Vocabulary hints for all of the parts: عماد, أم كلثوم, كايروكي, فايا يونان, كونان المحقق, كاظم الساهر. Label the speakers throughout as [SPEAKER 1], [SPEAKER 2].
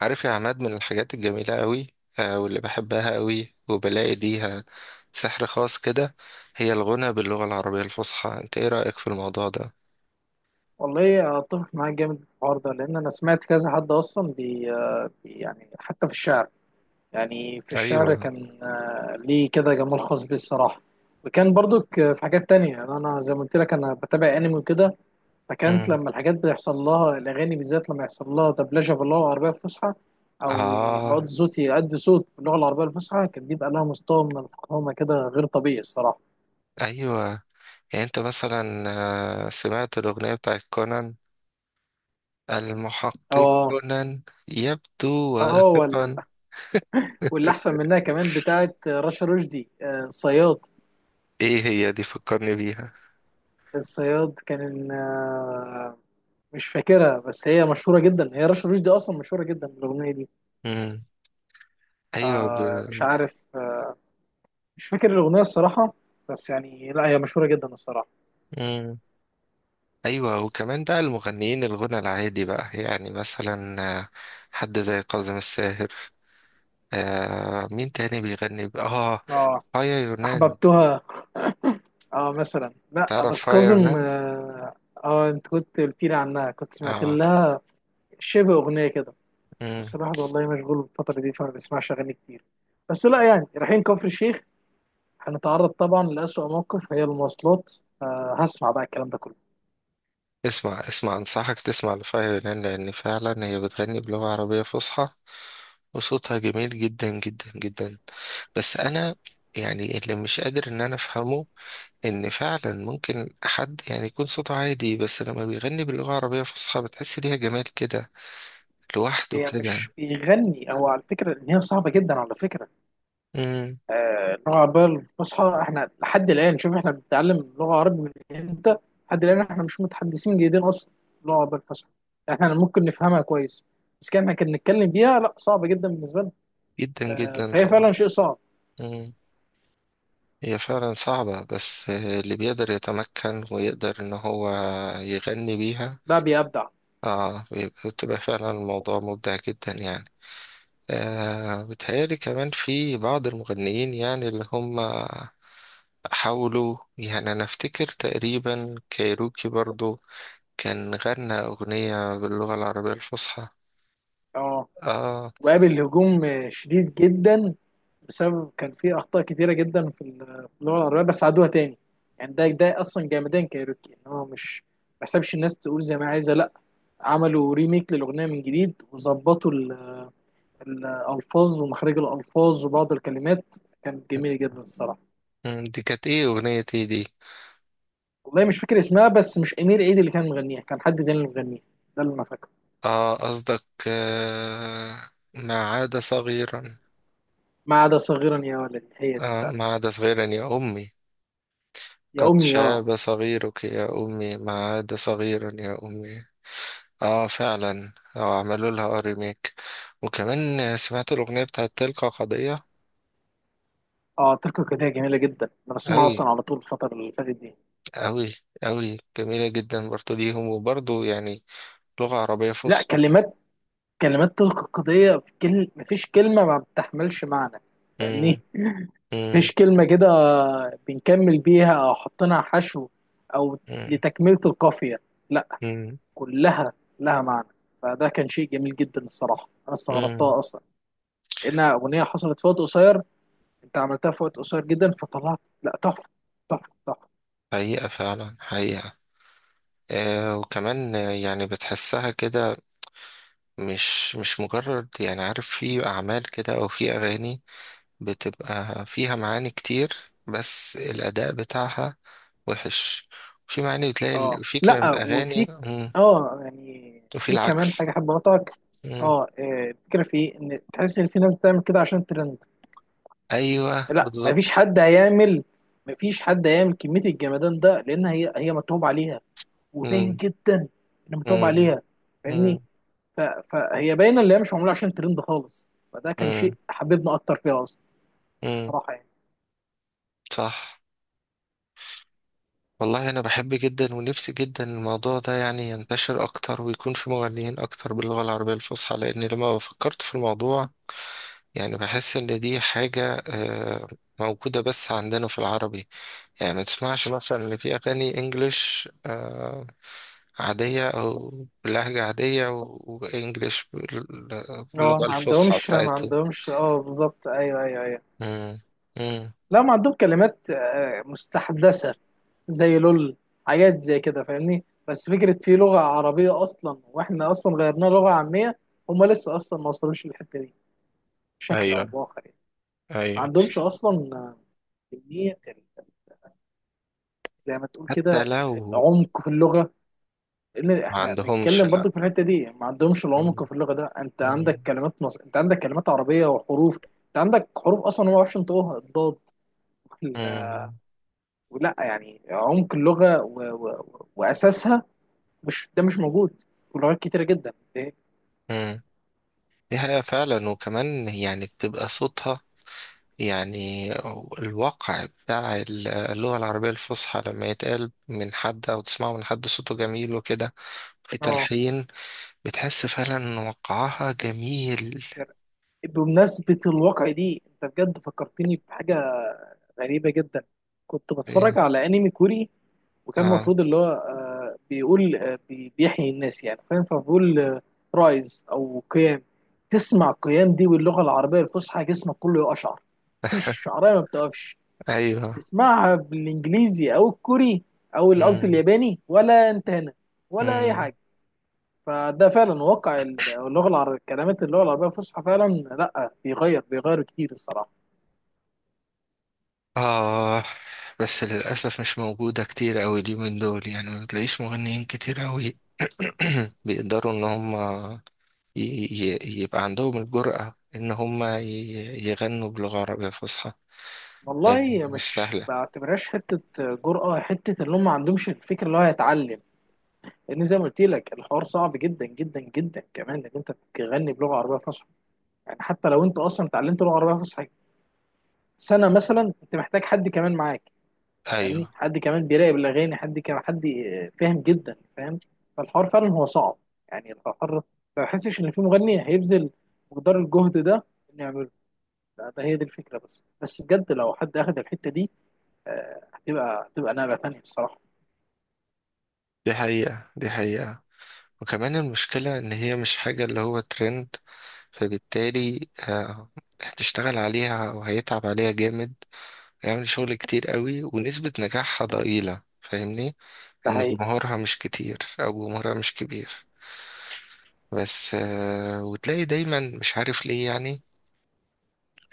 [SPEAKER 1] عارف يا عماد من الحاجات الجميلة قوي. واللي بحبها قوي وبلاقي ليها سحر خاص كده. هي الغنى باللغة العربية الفصحى، انت ايه رأيك في الموضوع ده؟
[SPEAKER 2] والله اتفق معاك جامد في الحوار ده، لان انا سمعت كذا حد اصلا يعني حتى في الشعر. يعني في الشعر
[SPEAKER 1] ايوه.
[SPEAKER 2] كان ليه كده جمال خاص بيه الصراحه. وكان برضك في حاجات تانية. يعني انا زي ما قلت لك انا بتابع انمي وكده، فكانت
[SPEAKER 1] مم.
[SPEAKER 2] لما الحاجات بيحصل لها الاغاني، بالذات لما يحصل لها دبلجه باللغه العربيه الفصحى او بقعد
[SPEAKER 1] اه.
[SPEAKER 2] صوتي يأدي صوت باللغه العربيه الفصحى، كان بيبقى لها مستوى من الفخامه كده غير طبيعي الصراحه.
[SPEAKER 1] ايوه. يعني انت مثلا سمعت الأغنية بتاعت كونان، المحقق
[SPEAKER 2] اه.
[SPEAKER 1] كونان يبدو واثقا.
[SPEAKER 2] اه، واللي احسن منها كمان بتاعه رشا رشدي الصياد.
[SPEAKER 1] ايه هي دي، فكرني بيها.
[SPEAKER 2] الصياد كان مش فاكرها، بس هي مشهوره جدا، هي رشا رشدي اصلا مشهوره جدا بالاغنيه دي.
[SPEAKER 1] مم. ايوه.
[SPEAKER 2] مش عارف، مش فاكر الاغنيه الصراحه، بس يعني لا هي مشهوره جدا الصراحه.
[SPEAKER 1] ب... ايوه، وكمان بقى المغنيين الغنى العادي بقى، يعني مثلا حد زي كاظم الساهر. آه مين تاني بيغني بقى؟ اه،
[SPEAKER 2] اه،
[SPEAKER 1] فايا يونان.
[SPEAKER 2] احببتها. اه مثلا، لا
[SPEAKER 1] تعرف
[SPEAKER 2] بس
[SPEAKER 1] فايا
[SPEAKER 2] كاظم،
[SPEAKER 1] يونان؟
[SPEAKER 2] اه. انت كنت قلت لي عنها، كنت سمعت
[SPEAKER 1] اه.
[SPEAKER 2] لها شبه اغنيه كده.
[SPEAKER 1] مم.
[SPEAKER 2] بس الواحد والله مشغول الفتره دي فما بيسمعش اغاني كتير، بس لا يعني رايحين كفر الشيخ، هنتعرض طبعا لأسوأ موقف هي المواصلات. هسمع بقى الكلام ده كله.
[SPEAKER 1] اسمع اسمع، انصحك تسمع لفايا يونان لان فعلا هي بتغني بلغة عربية فصحى وصوتها جميل جدا جدا جدا. بس انا يعني اللي مش قادر ان انا افهمه، ان فعلا ممكن حد يعني يكون صوته عادي بس لما بيغني باللغة العربية الفصحى بتحس ليها جمال كده لوحده
[SPEAKER 2] هي مش
[SPEAKER 1] كده.
[SPEAKER 2] بيغني، هو على فكرة ان هي صعبة جدا على فكرة.
[SPEAKER 1] امم.
[SPEAKER 2] اللغة العربية الفصحى، احنا لحد الآن، شوف احنا بنتعلم لغة عربي من امتى، لحد الآن احنا مش متحدثين جيدين أصلا اللغة العربية الفصحى. احنا ممكن نفهمها كويس، بس كان نتكلم بيها لا صعبة جدا بالنسبة لنا.
[SPEAKER 1] جدا جدا
[SPEAKER 2] فهي فعلا
[SPEAKER 1] طبعا.
[SPEAKER 2] شيء صعب.
[SPEAKER 1] امم. هي فعلا صعبة، بس اللي بيقدر يتمكن ويقدر ان هو يغني بيها،
[SPEAKER 2] ده بيبدع.
[SPEAKER 1] اه بتبقى فعلا الموضوع مبدع جدا يعني. آه بتهيألي كمان في بعض المغنيين، يعني اللي هم حاولوا، يعني انا افتكر تقريبا كايروكي برضو كان غنى اغنية باللغة العربية الفصحى.
[SPEAKER 2] اه،
[SPEAKER 1] اه.
[SPEAKER 2] وقابل هجوم شديد جدا، بسبب كان في اخطاء كتيره جدا في اللغه العربيه، بس عادوها تاني. يعني ده اصلا جامدين كايروكي، ان هو مش ما حسبش الناس تقول زي ما عايزه، لا، عملوا ريميك للاغنيه من جديد وظبطوا الالفاظ ومخارج الالفاظ وبعض الكلمات، كانت جميله جدا الصراحه.
[SPEAKER 1] مم، دي كانت ايه، اغنية ايه دي؟
[SPEAKER 2] والله مش فاكر اسمها، بس مش امير عيد اللي كان مغنيها، كان حد تاني اللي مغنيها، ده اللي انا فاكره.
[SPEAKER 1] اه قصدك ما عاد صغيرا.
[SPEAKER 2] ما عدا صغيرا يا ولد، هي دي
[SPEAKER 1] آه
[SPEAKER 2] فعلا.
[SPEAKER 1] ما عاد صغيرا يا أمي،
[SPEAKER 2] يا
[SPEAKER 1] قد
[SPEAKER 2] امي، اه.
[SPEAKER 1] شاب صغيرك يا أمي، ما عاد صغيرا يا أمي. اه فعلا، آه عملوا لها ريميك. وكمان سمعت الأغنية بتاعت تلك قضية.
[SPEAKER 2] اه، تركه كده جميله جدا، انا بسمعها
[SPEAKER 1] أوي
[SPEAKER 2] اصلا على طول الفتره اللي فاتت دي.
[SPEAKER 1] أوي أوي، جميلة جدا برضو ليهم، وبرضو يعني لغة عربية
[SPEAKER 2] لا
[SPEAKER 1] فصحى.
[SPEAKER 2] كلمات تلقائية في كل، مفيش كلمة ما بتحملش معنى.
[SPEAKER 1] مم.
[SPEAKER 2] فاهمني؟
[SPEAKER 1] مم.
[SPEAKER 2] مفيش كلمة كده بنكمل بيها أو حطينا حشو أو
[SPEAKER 1] مم.
[SPEAKER 2] لتكملة القافية، لا،
[SPEAKER 1] مم.
[SPEAKER 2] كلها لها معنى. فده كان شيء جميل جدا الصراحة، أنا
[SPEAKER 1] مم.
[SPEAKER 2] استغربتها أصلا إنها أغنية حصلت في وقت قصير، أنت عملتها في وقت قصير جدا فطلعت لا تحفة، تحفة تحفة.
[SPEAKER 1] حقيقة فعلا، حقيقة. آه وكمان يعني بتحسها كده، مش مجرد يعني، عارف، في أعمال كده أو في أغاني بتبقى فيها معاني كتير، بس الأداء بتاعها وحش. وفي معاني بتلاقي
[SPEAKER 2] أه
[SPEAKER 1] في
[SPEAKER 2] لا،
[SPEAKER 1] كلام أغاني.
[SPEAKER 2] وفي،
[SPEAKER 1] مم.
[SPEAKER 2] يعني
[SPEAKER 1] وفي
[SPEAKER 2] في كمان
[SPEAKER 1] العكس.
[SPEAKER 2] حاجة حابة أقطعك.
[SPEAKER 1] مم.
[SPEAKER 2] أه آه، الفكرة في إيه؟ إن تحس إن في ناس بتعمل كده عشان ترند.
[SPEAKER 1] أيوه
[SPEAKER 2] لا، مفيش
[SPEAKER 1] بالظبط.
[SPEAKER 2] حد هيعمل، كمية الجمدان ده، لأن هي متعوب عليها، وباين
[SPEAKER 1] مم.
[SPEAKER 2] جدا إن متعوب
[SPEAKER 1] مم.
[SPEAKER 2] عليها.
[SPEAKER 1] مم.
[SPEAKER 2] فاهمني؟ ف- فهي باينة اللي هي مش معمولة عشان ترند خالص، فده كان
[SPEAKER 1] مم.
[SPEAKER 2] شيء حببنا أكتر فيها أصلا.
[SPEAKER 1] مم.
[SPEAKER 2] صراحة يعني.
[SPEAKER 1] صح. والله أنا بحب جدا ونفسي جدا الموضوع ده يعني ينتشر أكتر ويكون في مغنيين أكتر باللغة العربية الفصحى، لأن لما فكرت في الموضوع يعني بحس ان دي حاجة موجودة بس عندنا في العربي. يعني ما تسمعش مثلا ان في اغاني انجليش عادية او بلهجة عادية، وانجليش
[SPEAKER 2] اه،
[SPEAKER 1] باللغة
[SPEAKER 2] ما
[SPEAKER 1] الفصحى
[SPEAKER 2] عندهمش ما
[SPEAKER 1] بتاعتهم.
[SPEAKER 2] عندهمش اه بالظبط، أيوه أيوه أيوه.
[SPEAKER 1] مم. مم.
[SPEAKER 2] لا، ما عندهم كلمات مستحدثة زي لول، حاجات زي كده. فاهمني؟ بس فكرة في لغة عربية أصلا، وإحنا أصلا غيرناها لغة عامية، هما لسه أصلا ما وصلوش للحتة دي بشكل أو
[SPEAKER 1] ايوه.
[SPEAKER 2] بآخر يعني. ما
[SPEAKER 1] ايوه.
[SPEAKER 2] عندهمش اصلا كميه، زي ما تقول كده
[SPEAKER 1] حتى لو
[SPEAKER 2] العمق في اللغه. لان
[SPEAKER 1] ما
[SPEAKER 2] احنا
[SPEAKER 1] عندهمش،
[SPEAKER 2] بنتكلم
[SPEAKER 1] لا.
[SPEAKER 2] برضو في الحته دي، ما عندهمش
[SPEAKER 1] مم.
[SPEAKER 2] العمق في اللغه. ده انت
[SPEAKER 1] مم.
[SPEAKER 2] عندك كلمات مصر، انت عندك كلمات عربيه وحروف. انت عندك حروف اصلا هو ما يعرفش ينطقوها، الضاد وال-
[SPEAKER 1] مم.
[SPEAKER 2] ولا يعني عمق اللغه واساسها، مش ده مش موجود في لغات كتيره جدا
[SPEAKER 1] مم. دي حقيقة فعلا. وكمان يعني بتبقى صوتها، يعني الواقع بتاع اللغة العربية الفصحى لما يتقال من حد أو تسمعه من حد صوته جميل وكده، في
[SPEAKER 2] اه،
[SPEAKER 1] تلحين، بتحس فعلا إن وقعها جميل.
[SPEAKER 2] بمناسبه الواقع دي، انت بجد فكرتني بحاجه غريبة جدا. كنت بتفرج
[SPEAKER 1] إيه.
[SPEAKER 2] على انمي كوري، وكان
[SPEAKER 1] آه.
[SPEAKER 2] المفروض اللي هو بيقول بيحيي الناس، يعني فاهم، فبقول رايز او قيام. تسمع قيام دي باللغة العربية الفصحى جسمك كله يقشعر، مفيش شعرية ما بتقفش.
[SPEAKER 1] أيوه.
[SPEAKER 2] تسمعها بالانجليزي او الكوري قصدي
[SPEAKER 1] مم.
[SPEAKER 2] الياباني، ولا انت هنا ولا اي
[SPEAKER 1] مم.
[SPEAKER 2] حاجة. فده فعلا واقع اللغة العربية، كلمات اللغة العربية الفصحى فعلا لا بيغير كتير الصراحة.
[SPEAKER 1] آه. بس للأسف مش موجودة كتير أوي اليومين دول، يعني ما بتلاقيش مغنيين كتير أوي بيقدروا إن هم يبقى عندهم الجرأة إن هم يغنوا بلغة عربية فصحى. يعني
[SPEAKER 2] والله
[SPEAKER 1] مش
[SPEAKER 2] مش
[SPEAKER 1] سهل.
[SPEAKER 2] بعتبرهاش حتة جرأة، حتة اللي هم ما عندهمش الفكرة اللي هو يتعلم. لأن زي ما قلت لك الحوار صعب جدا جدا جدا، كمان إنك أنت تغني بلغة عربية فصحى. يعني حتى لو أنت أصلا اتعلمت لغة عربية فصحى سنة مثلا، أنت محتاج حد كمان معاك، فاهمني،
[SPEAKER 1] ايوه.
[SPEAKER 2] حد كمان بيراقب الأغاني، حد كمان، حد فاهم جدا فاهم. فالحوار فعلا هو صعب، يعني الحوار، ما بحسش إن في مغني هيبذل مقدار الجهد ده إنه يعمله. لا، ده هي دي الفكرة، بس بجد لو حد أخد الحتة دي آه، هتبقى نقلة تانية الصراحة.
[SPEAKER 1] دي حقيقة، دي حقيقة. وكمان المشكلة ان هي مش حاجة اللي هو ترند، فبالتالي هتشتغل عليها وهيتعب عليها جامد، هيعمل شغل كتير قوي ونسبة نجاحها ضئيلة، فاهمني،
[SPEAKER 2] ده
[SPEAKER 1] ان
[SPEAKER 2] حقيقي.
[SPEAKER 1] جمهورها مش كتير او جمهورها مش كبير. بس وتلاقي دايما مش عارف ليه، يعني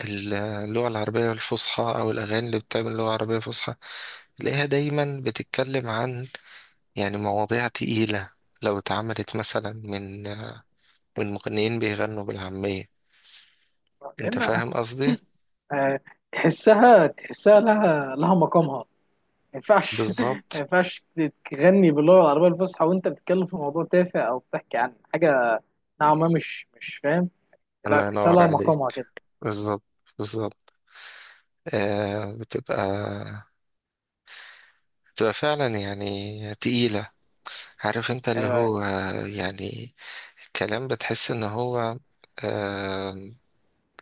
[SPEAKER 1] اللغة العربية الفصحى او الاغاني اللي بتعمل لغة عربية فصحى، تلاقيها دايما بتتكلم عن يعني مواضيع تقيلة، لو اتعملت مثلا من من مغنيين بيغنوا بالعامية. انت
[SPEAKER 2] لأن
[SPEAKER 1] فاهم قصدي؟
[SPEAKER 2] آه، تحسها لها مقامها، ما ينفعش ما
[SPEAKER 1] بالظبط.
[SPEAKER 2] ينفعش تغني باللغة العربية الفصحى وأنت بتتكلم في موضوع تافه أو بتحكي عن حاجة نوعا ما، مش فاهم. لا،
[SPEAKER 1] الله
[SPEAKER 2] تحسها
[SPEAKER 1] ينور
[SPEAKER 2] لها مقامها
[SPEAKER 1] عليك.
[SPEAKER 2] كده.
[SPEAKER 1] بالظبط. بالظبط. آه بتبقى، بتبقى فعلا يعني تقيلة. عارف انت اللي
[SPEAKER 2] أيوه أيوه.
[SPEAKER 1] هو، يعني كلام بتحس ان هو، آه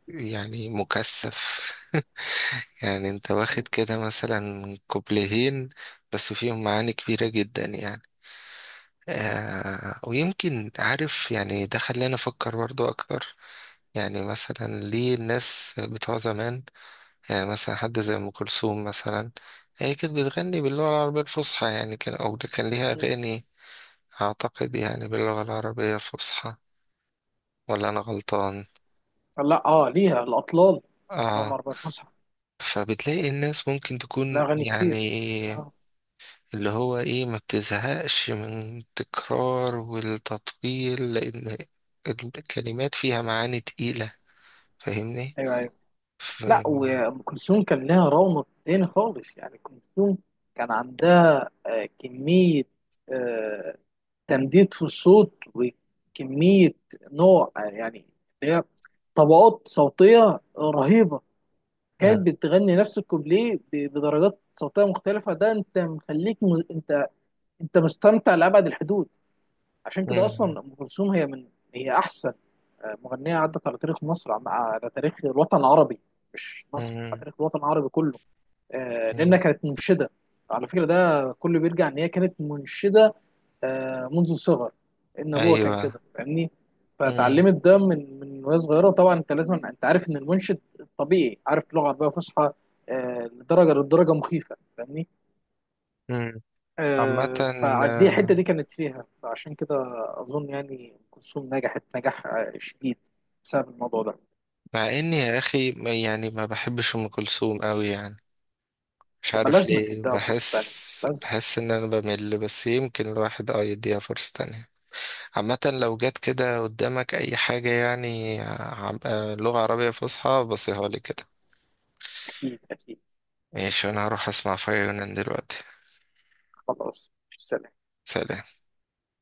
[SPEAKER 1] يعني مكثف. يعني انت واخد
[SPEAKER 2] م-
[SPEAKER 1] كده مثلا كوبليهين بس فيهم معاني كبيرة جدا يعني. آه، ويمكن عارف يعني ده خلاني أفكر برضو أكتر، يعني مثلا ليه الناس بتوع زمان، يعني مثلا حد زي أم كلثوم مثلا هي كانت بتغني باللغة العربية الفصحى، يعني كان أو ده كان ليها
[SPEAKER 2] م.
[SPEAKER 1] أغاني، أعتقد يعني باللغة العربية الفصحى، ولا أنا غلطان؟
[SPEAKER 2] لا أه، ليها الأطلال اللغة
[SPEAKER 1] آه.
[SPEAKER 2] العربية الفصحى،
[SPEAKER 1] فبتلاقي الناس ممكن
[SPEAKER 2] لها
[SPEAKER 1] تكون
[SPEAKER 2] أغاني
[SPEAKER 1] يعني
[SPEAKER 2] كتير آه،
[SPEAKER 1] اللي هو إيه، ما بتزهقش من التكرار والتطويل، لأن الكلمات فيها معاني تقيلة، فاهمني.
[SPEAKER 2] أيوه أيوه.
[SPEAKER 1] ف...
[SPEAKER 2] لا، وأم كلثوم كان لها رونق تاني خالص، يعني أم كلثوم كان عندها كمية، آه، تمديد في الصوت، وكمية نوع يعني اللي هي طبقات صوتية رهيبة.
[SPEAKER 1] مم.
[SPEAKER 2] كانت بتغني نفس الكوبليه بدرجات صوتية مختلفة، ده انت مخليك م... انت انت مستمتع لأبعد الحدود. عشان كده
[SPEAKER 1] مم.
[SPEAKER 2] أصلا أم كلثوم، هي أحسن مغنية عدت على تاريخ مصر، على تاريخ الوطن العربي، مش مصر، على
[SPEAKER 1] مم.
[SPEAKER 2] تاريخ الوطن العربي كله. لأنها
[SPEAKER 1] مم.
[SPEAKER 2] كانت منشدة. على فكرة ده كله بيرجع إن هي كانت منشدة منذ الصغر، إن أبوها كان
[SPEAKER 1] ايوه.
[SPEAKER 2] كده فاهمني.
[SPEAKER 1] مم.
[SPEAKER 2] فاتعلمت ده من وهي صغيرة. طبعا أنت لازم، أنت عارف إن المنشد طبيعي عارف لغة عربية فصحى لدرجة مخيفة، فاهمني.
[SPEAKER 1] مم. عامة
[SPEAKER 2] فدي
[SPEAKER 1] آه،
[SPEAKER 2] الحتة دي كانت فيها، فعشان كده أظن يعني أم كلثوم نجحت نجاح شديد بسبب الموضوع ده.
[SPEAKER 1] مع اني يا اخي يعني ما بحبش ام كلثوم قوي، يعني مش
[SPEAKER 2] يبقى
[SPEAKER 1] عارف
[SPEAKER 2] لازم
[SPEAKER 1] ليه،
[SPEAKER 2] تديها فرصة تانية،
[SPEAKER 1] بحس
[SPEAKER 2] لازم.
[SPEAKER 1] بحس ان انا بمل، بس يمكن الواحد اه يديها فرصة تانية. عامة لو جت كده قدامك اي حاجة يعني لغة عربية فصحى، بصيها لي كده.
[SPEAKER 2] أكيد أكيد.
[SPEAKER 1] ماشي انا هروح اسمع فيونان دلوقتي.
[SPEAKER 2] خلاص، سلام.
[SPEAKER 1] سلام.